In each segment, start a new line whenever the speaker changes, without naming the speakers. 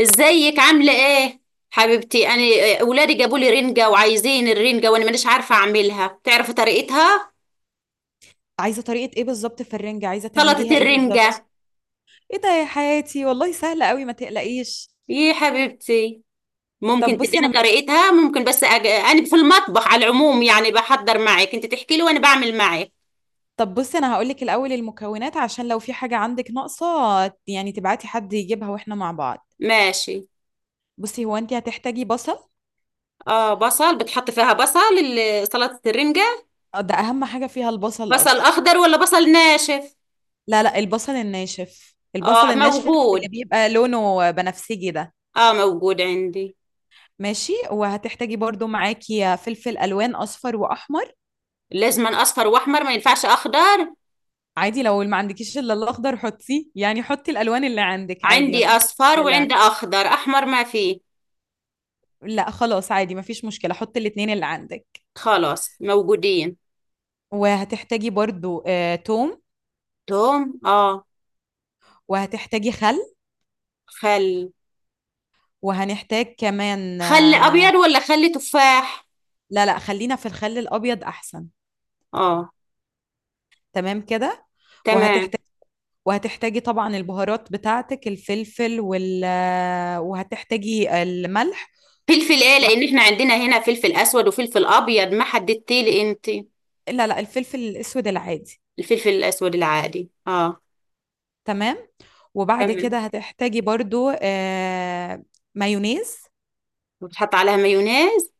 ازيك، عامله ايه، حبيبتي؟ انا آه، اولادي جابوا لي رنجه وعايزين الرنجه وانا مانيش عارفه اعملها، تعرفي طريقتها؟
عايزه طريقه ايه بالظبط في الرنجه؟ عايزه تعمليها
سلطه
ايه بالظبط؟
الرنجه.
ايه ده يا حياتي؟ والله سهله قوي، ما تقلقيش.
إيه يا حبيبتي؟ ممكن
طب بصي
تديني
انا
طريقتها؟ ممكن بس انا في المطبخ على العموم، يعني بحضر معك، انت تحكي لي وانا بعمل معك.
طب بصي انا هقول لك الاول المكونات عشان لو في حاجه عندك ناقصه، يعني تبعتي حد يجيبها واحنا مع بعض.
ماشي.
بصي، هو انت هتحتاجي بصل.
اه، بصل. بتحط فيها بصل سلطه الرنجه؟
ده اهم حاجه فيها البصل
بصل
اصلا.
اخضر ولا بصل ناشف؟
لا لا، البصل الناشف، البصل
اه
الناشف اللي
موجود.
بيبقى لونه بنفسجي ده.
اه موجود عندي.
ماشي، وهتحتاجي برضو معاكي فلفل الوان اصفر واحمر.
لازم اصفر واحمر؟ ما ينفعش اخضر؟
عادي لو ما عندكيش الا الاخضر حطيه، يعني حطي الالوان اللي عندك عادي
عندي
مفيش
اصفر
مشكله.
وعندي اخضر، احمر ما فيه.
لا خلاص، عادي مفيش مشكله، حطي الاتنين اللي عندك.
خلاص موجودين.
وهتحتاجي برضو توم.
توم، اه.
وهتحتاجي خل.
خل.
وهنحتاج كمان
خل ابيض ولا خل تفاح؟
لا لا، خلينا في الخل الابيض احسن.
اه.
تمام كده.
تمام.
وهتحتاج وهتحتاجي طبعا البهارات بتاعتك، الفلفل وال آه، وهتحتاجي الملح.
فلفل ايه؟ لان احنا عندنا هنا فلفل اسود وفلفل ابيض، ما حددتي لي انت.
لا لا، الفلفل الاسود العادي.
الفلفل الاسود العادي، اه.
تمام. وبعد
تمام.
كده هتحتاجي برضو مايونيز.
وبتحط عليها مايونيز؟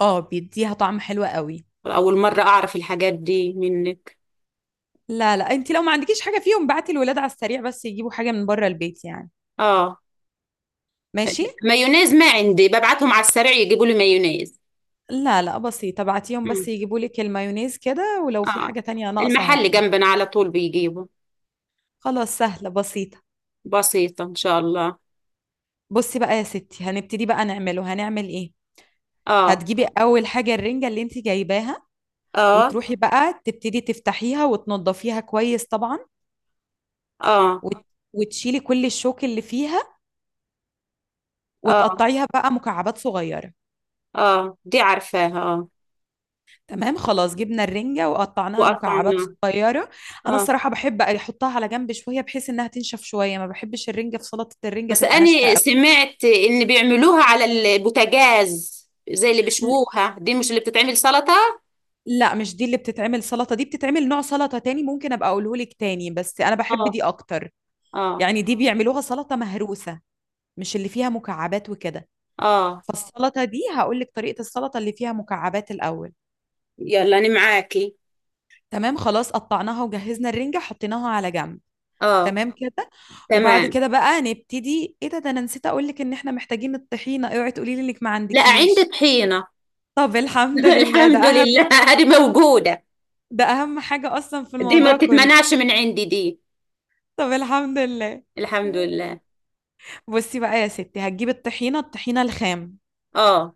اه بيديها طعم حلو قوي.
اول مره اعرف الحاجات دي منك.
لا لا، انت لو ما عندكيش حاجة فيهم بعتي الولاد على السريع بس يجيبوا حاجة من بره البيت يعني.
اه.
ماشي.
مايونيز ما عندي، ببعتهم على السريع يجيبوا لي مايونيز.
لا لا، بسيطة، بعتيهم بس
مم.
يجيبوا لك المايونيز كده، ولو في
اه.
حاجة تانية ناقصة
المحل
هاتيها.
جنبنا على طول بيجيبوا.
خلاص سهلة بسيطة.
بسيطة إن شاء الله.
بصي بقى يا ستي، هنبتدي بقى نعمله، هنعمل ايه.
آه.
هتجيبي اول حاجة الرنجة اللي انت جايباها،
آه.
وتروحي بقى تبتدي تفتحيها وتنضفيها كويس طبعا،
آه.
وت- وتشيلي كل الشوك اللي فيها،
آه.
وتقطعيها بقى مكعبات صغيرة.
آه، دي عارفاها، آه.
تمام خلاص، جبنا الرنجة وقطعناها مكعبات
وقطعناها.
صغيرة. أنا
آه.
الصراحة بحب أحطها على جنب شوية بحيث إنها تنشف شوية، ما بحبش الرنجة في سلطة الرنجة
بس
تبقى ناشفة
أنا
أوي.
سمعت إن بيعملوها على البوتاجاز، زي اللي
ل-
بيشووها، دي مش اللي بتتعمل سلطة؟
لا، مش دي اللي بتتعمل سلطة، دي بتتعمل نوع سلطة تاني، ممكن أبقى أقولهولك تاني بس أنا بحب
آه.
دي أكتر.
آه.
يعني دي بيعملوها سلطة مهروسة، مش اللي فيها مكعبات وكده.
آه.
فالسلطة دي هقولك طريقة السلطة اللي فيها مكعبات الأول.
يلا أنا معاكي.
تمام خلاص، قطعناها وجهزنا الرنجة، حطيناها على جنب.
آه.
تمام كده. وبعد
تمام.
كده بقى نبتدي ايه، ده انا نسيت اقول لك ان احنا محتاجين الطحينة، اوعي تقولي لي انك ما
لا، عندي
عندكيش.
طحينة.
طب الحمد لله،
الحمد لله، هذه موجودة.
ده اهم حاجة اصلا في
دي ما
الموضوع كله.
بتتمنعش من عندي دي.
طب الحمد لله.
الحمد لله.
بصي بقى يا ستي، هتجيبي الطحينة، الطحينة الخام.
آه.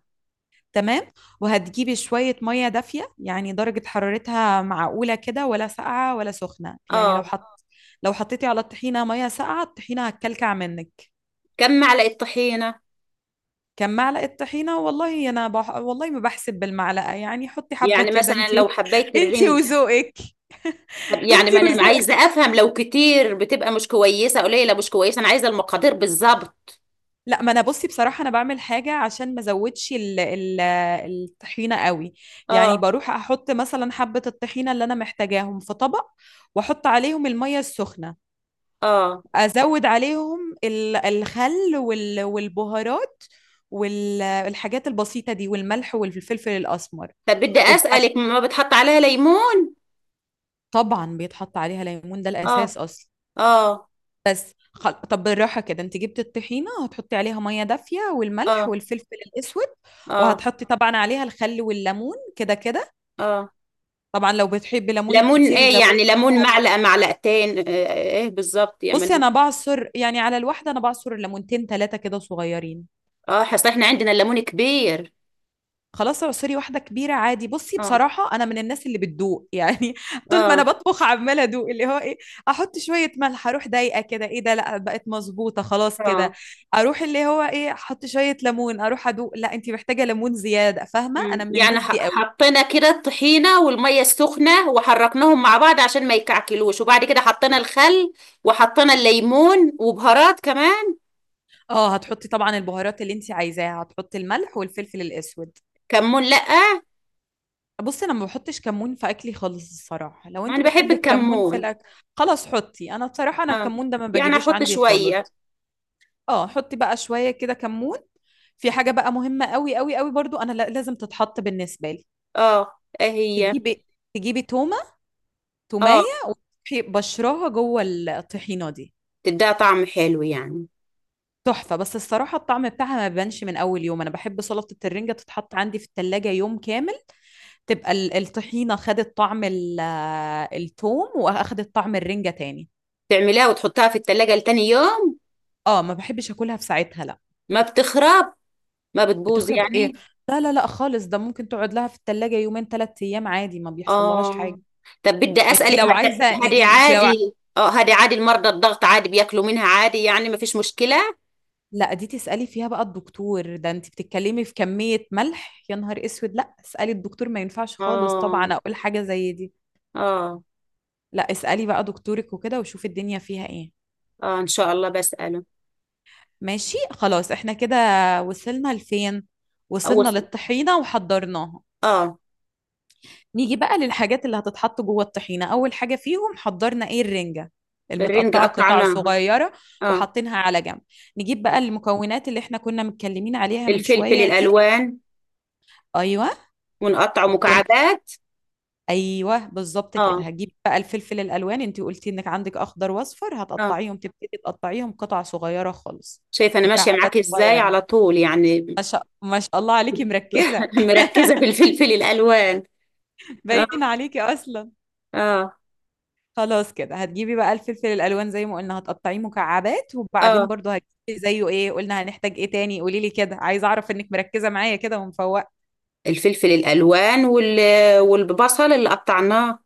تمام. وهتجيبي شوية مية دافية، يعني درجة حرارتها معقولة كده، ولا ساقعة ولا سخنة، يعني
آه.
لو حطيتي على الطحينة مية ساقعة الطحينة هتكلكع منك.
كم معلقة طحينة؟
كم معلقة طحينة؟ والله ما بحسب بالمعلقة، يعني حطي حبة
يعني
كده.
مثلا لو حبيت
أنت
الرنجة،
وذوقك. أنت
يعني ما انا عايزة
وذوقك.
افهم، لو كتير بتبقى مش كويسة، قليلة مش كويسة، انا عايزة المقادير بالظبط.
لا، ما أنا بصي بصراحة، أنا بعمل حاجة عشان ما أزودش الطحينة قوي. يعني
اه.
بروح أحط مثلا حبة الطحينة اللي أنا محتاجاهم في طبق، وأحط عليهم المية السخنة،
اه.
أزود عليهم الخل والبهارات والحاجات البسيطة دي، والملح والفلفل الأسمر.
طب بدي
وبعد
اسألك، ما بتحط عليها ليمون؟
طبعا بيتحط عليها ليمون، ده
اه.
الأساس أصلا.
اه.
طب بالراحة كده، انت جبت الطحينة هتحطي عليها مية دافية والملح
اه.
والفلفل الأسود،
اه.
وهتحطي طبعا عليها الخل والليمون كده كده.
اه.
طبعا لو بتحبي ليمون
ليمون
الكتير
ايه يعني؟
زودي
ليمون
فيها
معلقة، معلقتين، آه، آه، ايه بالظبط
بصي
يعني؟
أنا بعصر يعني على الواحدة، أنا بعصر ليمونتين ثلاثة كده صغيرين.
اه، اصل احنا عندنا الليمون كبير.
خلاص اعصري واحدة كبيرة عادي. بصي
اه.
بصراحة، أنا من الناس اللي بتدوق يعني، طول ما أنا
اه.
بطبخ عمالة أدوق، اللي هو إيه، أحط شوية ملح، أروح ضايقة كده، إيه ده، لأ بقت مظبوطة خلاص كده.
اه.
أروح اللي هو إيه، أحط شوية ليمون، أروح أدوق، لأ أنت محتاجة ليمون زيادة، فاهمة، أنا
مم.
من
يعني
الناس دي قوي.
حطينا كده الطحينة والمية السخنة وحركناهم مع بعض عشان ما يكعكلوش، وبعد كده حطينا الخل وحطينا الليمون وبهارات كمان.
أه، هتحطي طبعا البهارات اللي أنت عايزاها، هتحطي الملح والفلفل الأسود.
كمون، لأ.
بصي أنا ما بحطش كمون في أكلي خالص الصراحة، لو
ما
أنت
أنا بحب
بتحبي الكمون في
الكمون.
الأكل، خلاص حطي، أنا بصراحة أنا
اه.
الكمون ده ما
يعني
بجيبوش
أحط
عندي
شوية؟
خالص. اه حطي بقى شوية كده كمون. في حاجة بقى مهمة قوي قوي قوي برضو، انا لازم تتحط بالنسبة لي.
اه. إيه هي؟
تجيبي تجيبي تومة، تومية،
اه.
وتروحي بشراها جوه الطحينة دي.
تديها طعم حلو يعني؟
تحفة، بس الصراحة الطعم بتاعها ما بيبانش من أول يوم، أنا بحب سلطة الرنجة تتحط عندي في التلاجة يوم كامل، تبقى الطحينة خدت طعم التوم، وأخدت طعم الرنجة تاني.
تعملها وتحطها في التلاجة لتاني يوم؟
اه ما بحبش أكلها في ساعتها لا.
ما بتخرب، ما بتبوظ
بتخرب ايه،
يعني؟
لا لا لا خالص، ده ممكن تقعد لها في التلاجة يومين ثلاثة أيام عادي، ما بيحصل لهاش
اه.
حاجة.
طب بدي
انت
أسألك،
لو
هدي
عايزه
هدي
انت لو ع...
عادي؟ اه، هدي عادي؟ المرضى الضغط عادي بياكلوا منها؟ عادي يعني ما فيش مشكلة؟
لا دي تسالي فيها بقى الدكتور، ده انت بتتكلمي في كميه ملح، يا نهار اسود، لا اسالي الدكتور، ما ينفعش خالص
اه.
طبعا اقول حاجه زي دي.
اه.
لا اسالي بقى دكتورك وكده، وشوفي الدنيا فيها ايه.
اه، ان شاء الله بسأله.
ماشي خلاص، احنا كده وصلنا لفين؟
اول،
وصلنا للطحينه وحضرناها.
اه.
نيجي بقى للحاجات اللي هتتحط جوه الطحينه، اول حاجه فيهم حضرنا ايه، الرنجه
الرنج
المتقطعه قطع
قطعناها.
صغيره،
اه.
وحاطينها على جنب. نجيب بقى المكونات اللي احنا كنا متكلمين عليها من
الفلفل
شويه دي.
الالوان.
ايوه
ونقطعه
وكن
مكعبات.
ايوه بالظبط كده،
اه.
هجيب بقى الفلفل الالوان، انت قلتي انك عندك اخضر واصفر،
اه.
هتقطعيهم تبتدي تقطعيهم قطع صغيره خالص،
شايفه انا ماشيه معاك
مكعبات
ازاي
صغيره.
على طول يعني.
ما شاء الله عليكي مركزه،
مركزه في الفلفل الالوان. اه.
باين عليكي اصلا.
اه.
خلاص كده هتجيبي بقى الفلفل الالوان زي ما قلنا هتقطعيه مكعبات، وبعدين
اه.
برضو هتجيبي زيه، ايه قلنا هنحتاج ايه تاني، قولي لي كده، عايزه اعرف انك مركزه معايا كده ومفوقه.
الفلفل الالوان والبصل اللي قطعناه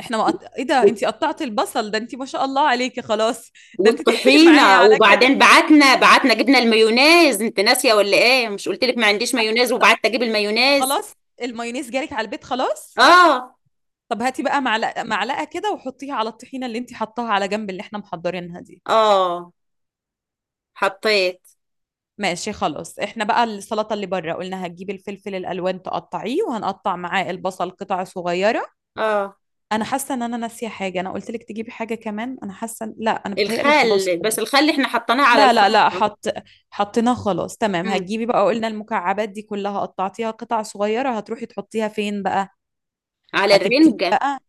احنا ما قط... ايه ده
وال-
انت قطعتي البصل، ده انت ما شاء الله عليكي خلاص، ده انت تقفلي معايا
والطحينه،
على كده،
وبعدين بعتنا جبنا المايونيز، انت ناسيه ولا ايه؟ مش قلت لك ما عنديش مايونيز وبعتت اجيب المايونيز؟
خلاص المايونيز جالك على البيت خلاص.
اه.
طب هاتي بقى معلقه معلقه كده، وحطيها على الطحينه اللي انت حطاها على جنب اللي احنا محضرينها دي.
اه، حطيت.
ماشي خلاص، احنا بقى السلطه اللي بره قلنا هتجيبي الفلفل الالوان تقطعيه، وهنقطع معاه البصل قطع صغيره.
اه.
انا حاسه ان انا ناسيه حاجه، انا قلت لك تجيبي حاجه كمان، انا حاسه لا انا بتهيألي خلاص
الخل؟
كده.
بس الخل احنا حطيناه على
لا لا لا،
الخلطة.
حطيناه خلاص تمام.
مم.
هتجيبي بقى قلنا المكعبات دي كلها قطعتيها قطع صغيره، هتروحي تحطيها فين بقى؟
على
هتبتدي
الرنجة.
بقى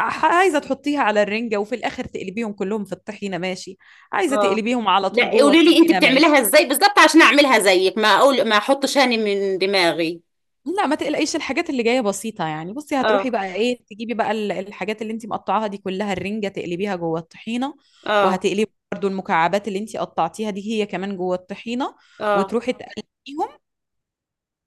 عايزه تحطيها على الرنجه، وفي الاخر تقلبيهم كلهم في الطحينه، ماشي. عايزه
اه.
تقلبيهم على
لا،
طول جوه
قولي لي انت
الطحينه،
بتعمليها
ماشي.
ازاي بالظبط عشان اعملها زيك، ما اقول ما احطش هاني من دماغي.
لا ما تقلقيش الحاجات اللي جايه بسيطه يعني، بصي هتروحي
اه.
بقى ايه، تجيبي بقى الحاجات اللي انت مقطعاها دي كلها، الرنجه، تقلبيها جوه الطحينه،
اه.
وهتقلبي برضو المكعبات اللي انت قطعتيها دي هي كمان جوه الطحينه،
اه.
وتروحي تقلبيهم.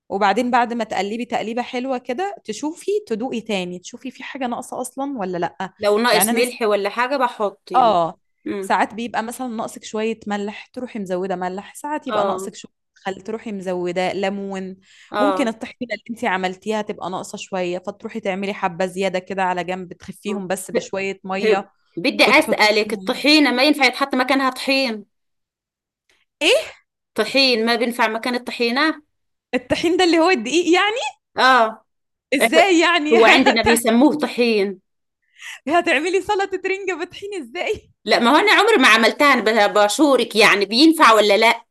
وبعدين بعد ما تقلبي تقليبه حلوه كده تشوفي، تدوقي تاني تشوفي في حاجه ناقصه اصلا ولا لا.
لو
يعني
ناقص
انا
ملح ولا حاجة بحط يعني؟
اه،
مم.
ساعات بيبقى مثلا ناقصك شوية ملح تروحي مزودة ملح، ساعات يبقى
اه.
ناقصك شوية خل تروحي مزودة ليمون. ممكن
اه.
الطحينة اللي انتي عملتيها تبقى ناقصة شوية، فتروحي تعملي حبة زيادة كده على جنب
آه.
تخفيهم بس
ب-
بشوية
هب.
مية
بدي اسألك،
وتحطيهم.
الطحينة ما ينفع يتحط مكانها طحين؟
ايه،
طحين ما بينفع مكان الطحينة؟
الطحين ده اللي هو الدقيق يعني؟
اه. إيه،
ازاي يعني
هو عندنا بيسموه طحين.
هتعملي سلطة رنجة بطحين ازاي؟
لا، ما هو انا عمري ما عملتها، انا بشورك يعني، بينفع ولا لا؟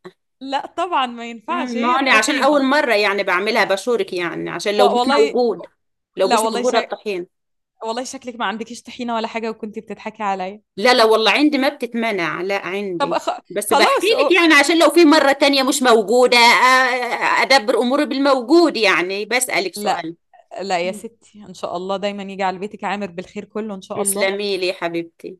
لا طبعا ما
مم،
ينفعش،
ما هو
هي
انا عشان اول
الطحينة.
مره يعني بعملها بشورك، يعني عشان لو مش
والله
موجود، لو
لا
مش
والله شا...
موجوده الطحين.
والله شكلك ما عندكيش طحينة ولا حاجة وكنتي بتضحكي عليا.
لا لا، والله عندي، ما بتتمنع، لا
طب
عندي. بس بحكي
خلاص
لك يعني عشان لو في مره تانية مش موجوده، ادبر اموري بالموجود يعني، بسالك
لا
سؤال.
لا يا
مم.
ستي ان شاء الله دايما يجي على بيتك عامر بالخير كله ان شاء الله.
تسلمي لي يا حبيبتي.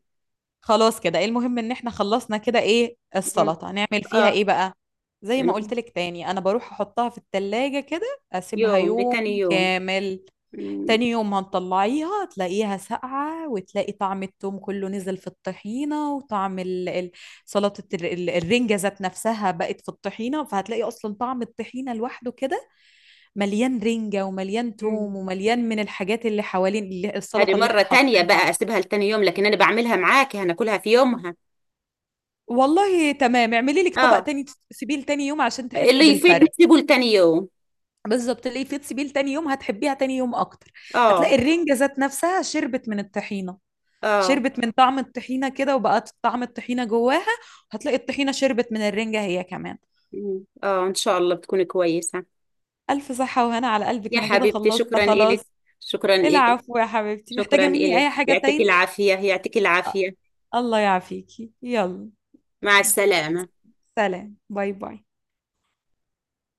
خلاص كده، ايه المهم ان احنا خلصنا كده، ايه
مم.
السلطه هنعمل فيها
اه،
ايه بقى؟ زي ما
يعني.
قلت لك تاني انا بروح احطها في التلاجة كده، اسيبها
يوم
يوم
لتاني يوم.
كامل.
مم.
تاني يوم هنطلعيها تلاقيها ساقعه، وتلاقي طعم التوم كله نزل في الطحينه، وطعم سلطه الرنجه ذات نفسها بقت في الطحينه، فهتلاقي اصلا طعم الطحينه لوحده كده مليان رنجة ومليان
مم.
توم ومليان من الحاجات اللي حوالين اللي
هذه
السلطة اللي
مرة
احنا
تانية
حاطينها.
بقى اسيبها لتاني يوم، لكن انا بعملها معاكي هناكلها في يومها.
والله تمام، اعملي لك طبق
اه.
تاني تسيبيه تاني يوم عشان تحسي
اللي يفيد
بالفرق.
نسيبه لتاني يوم.
بالظبط، اللي في تسيبيه تاني يوم هتحبيها تاني يوم اكتر،
اه.
هتلاقي الرنجة ذات نفسها شربت من الطحينة،
اه.
شربت من طعم الطحينة كده وبقت طعم الطحينة جواها، هتلاقي الطحينة شربت من الرنجة هي كمان.
مم. اه، ان شاء الله بتكوني كويسة.
ألف صحة وهنا على قلبك،
يا
أنا كده
حبيبتي
خلصت
شكرا
خلاص.
إلك. شكرا إلك.
العفو يا حبيبتي،
شكرا
محتاجة مني
إلك،
أي حاجة
يعطيك
تاني؟
العافية، يعطيك العافية.
الله يعافيكي، يلا
مع السلامة.
سلام باي باي.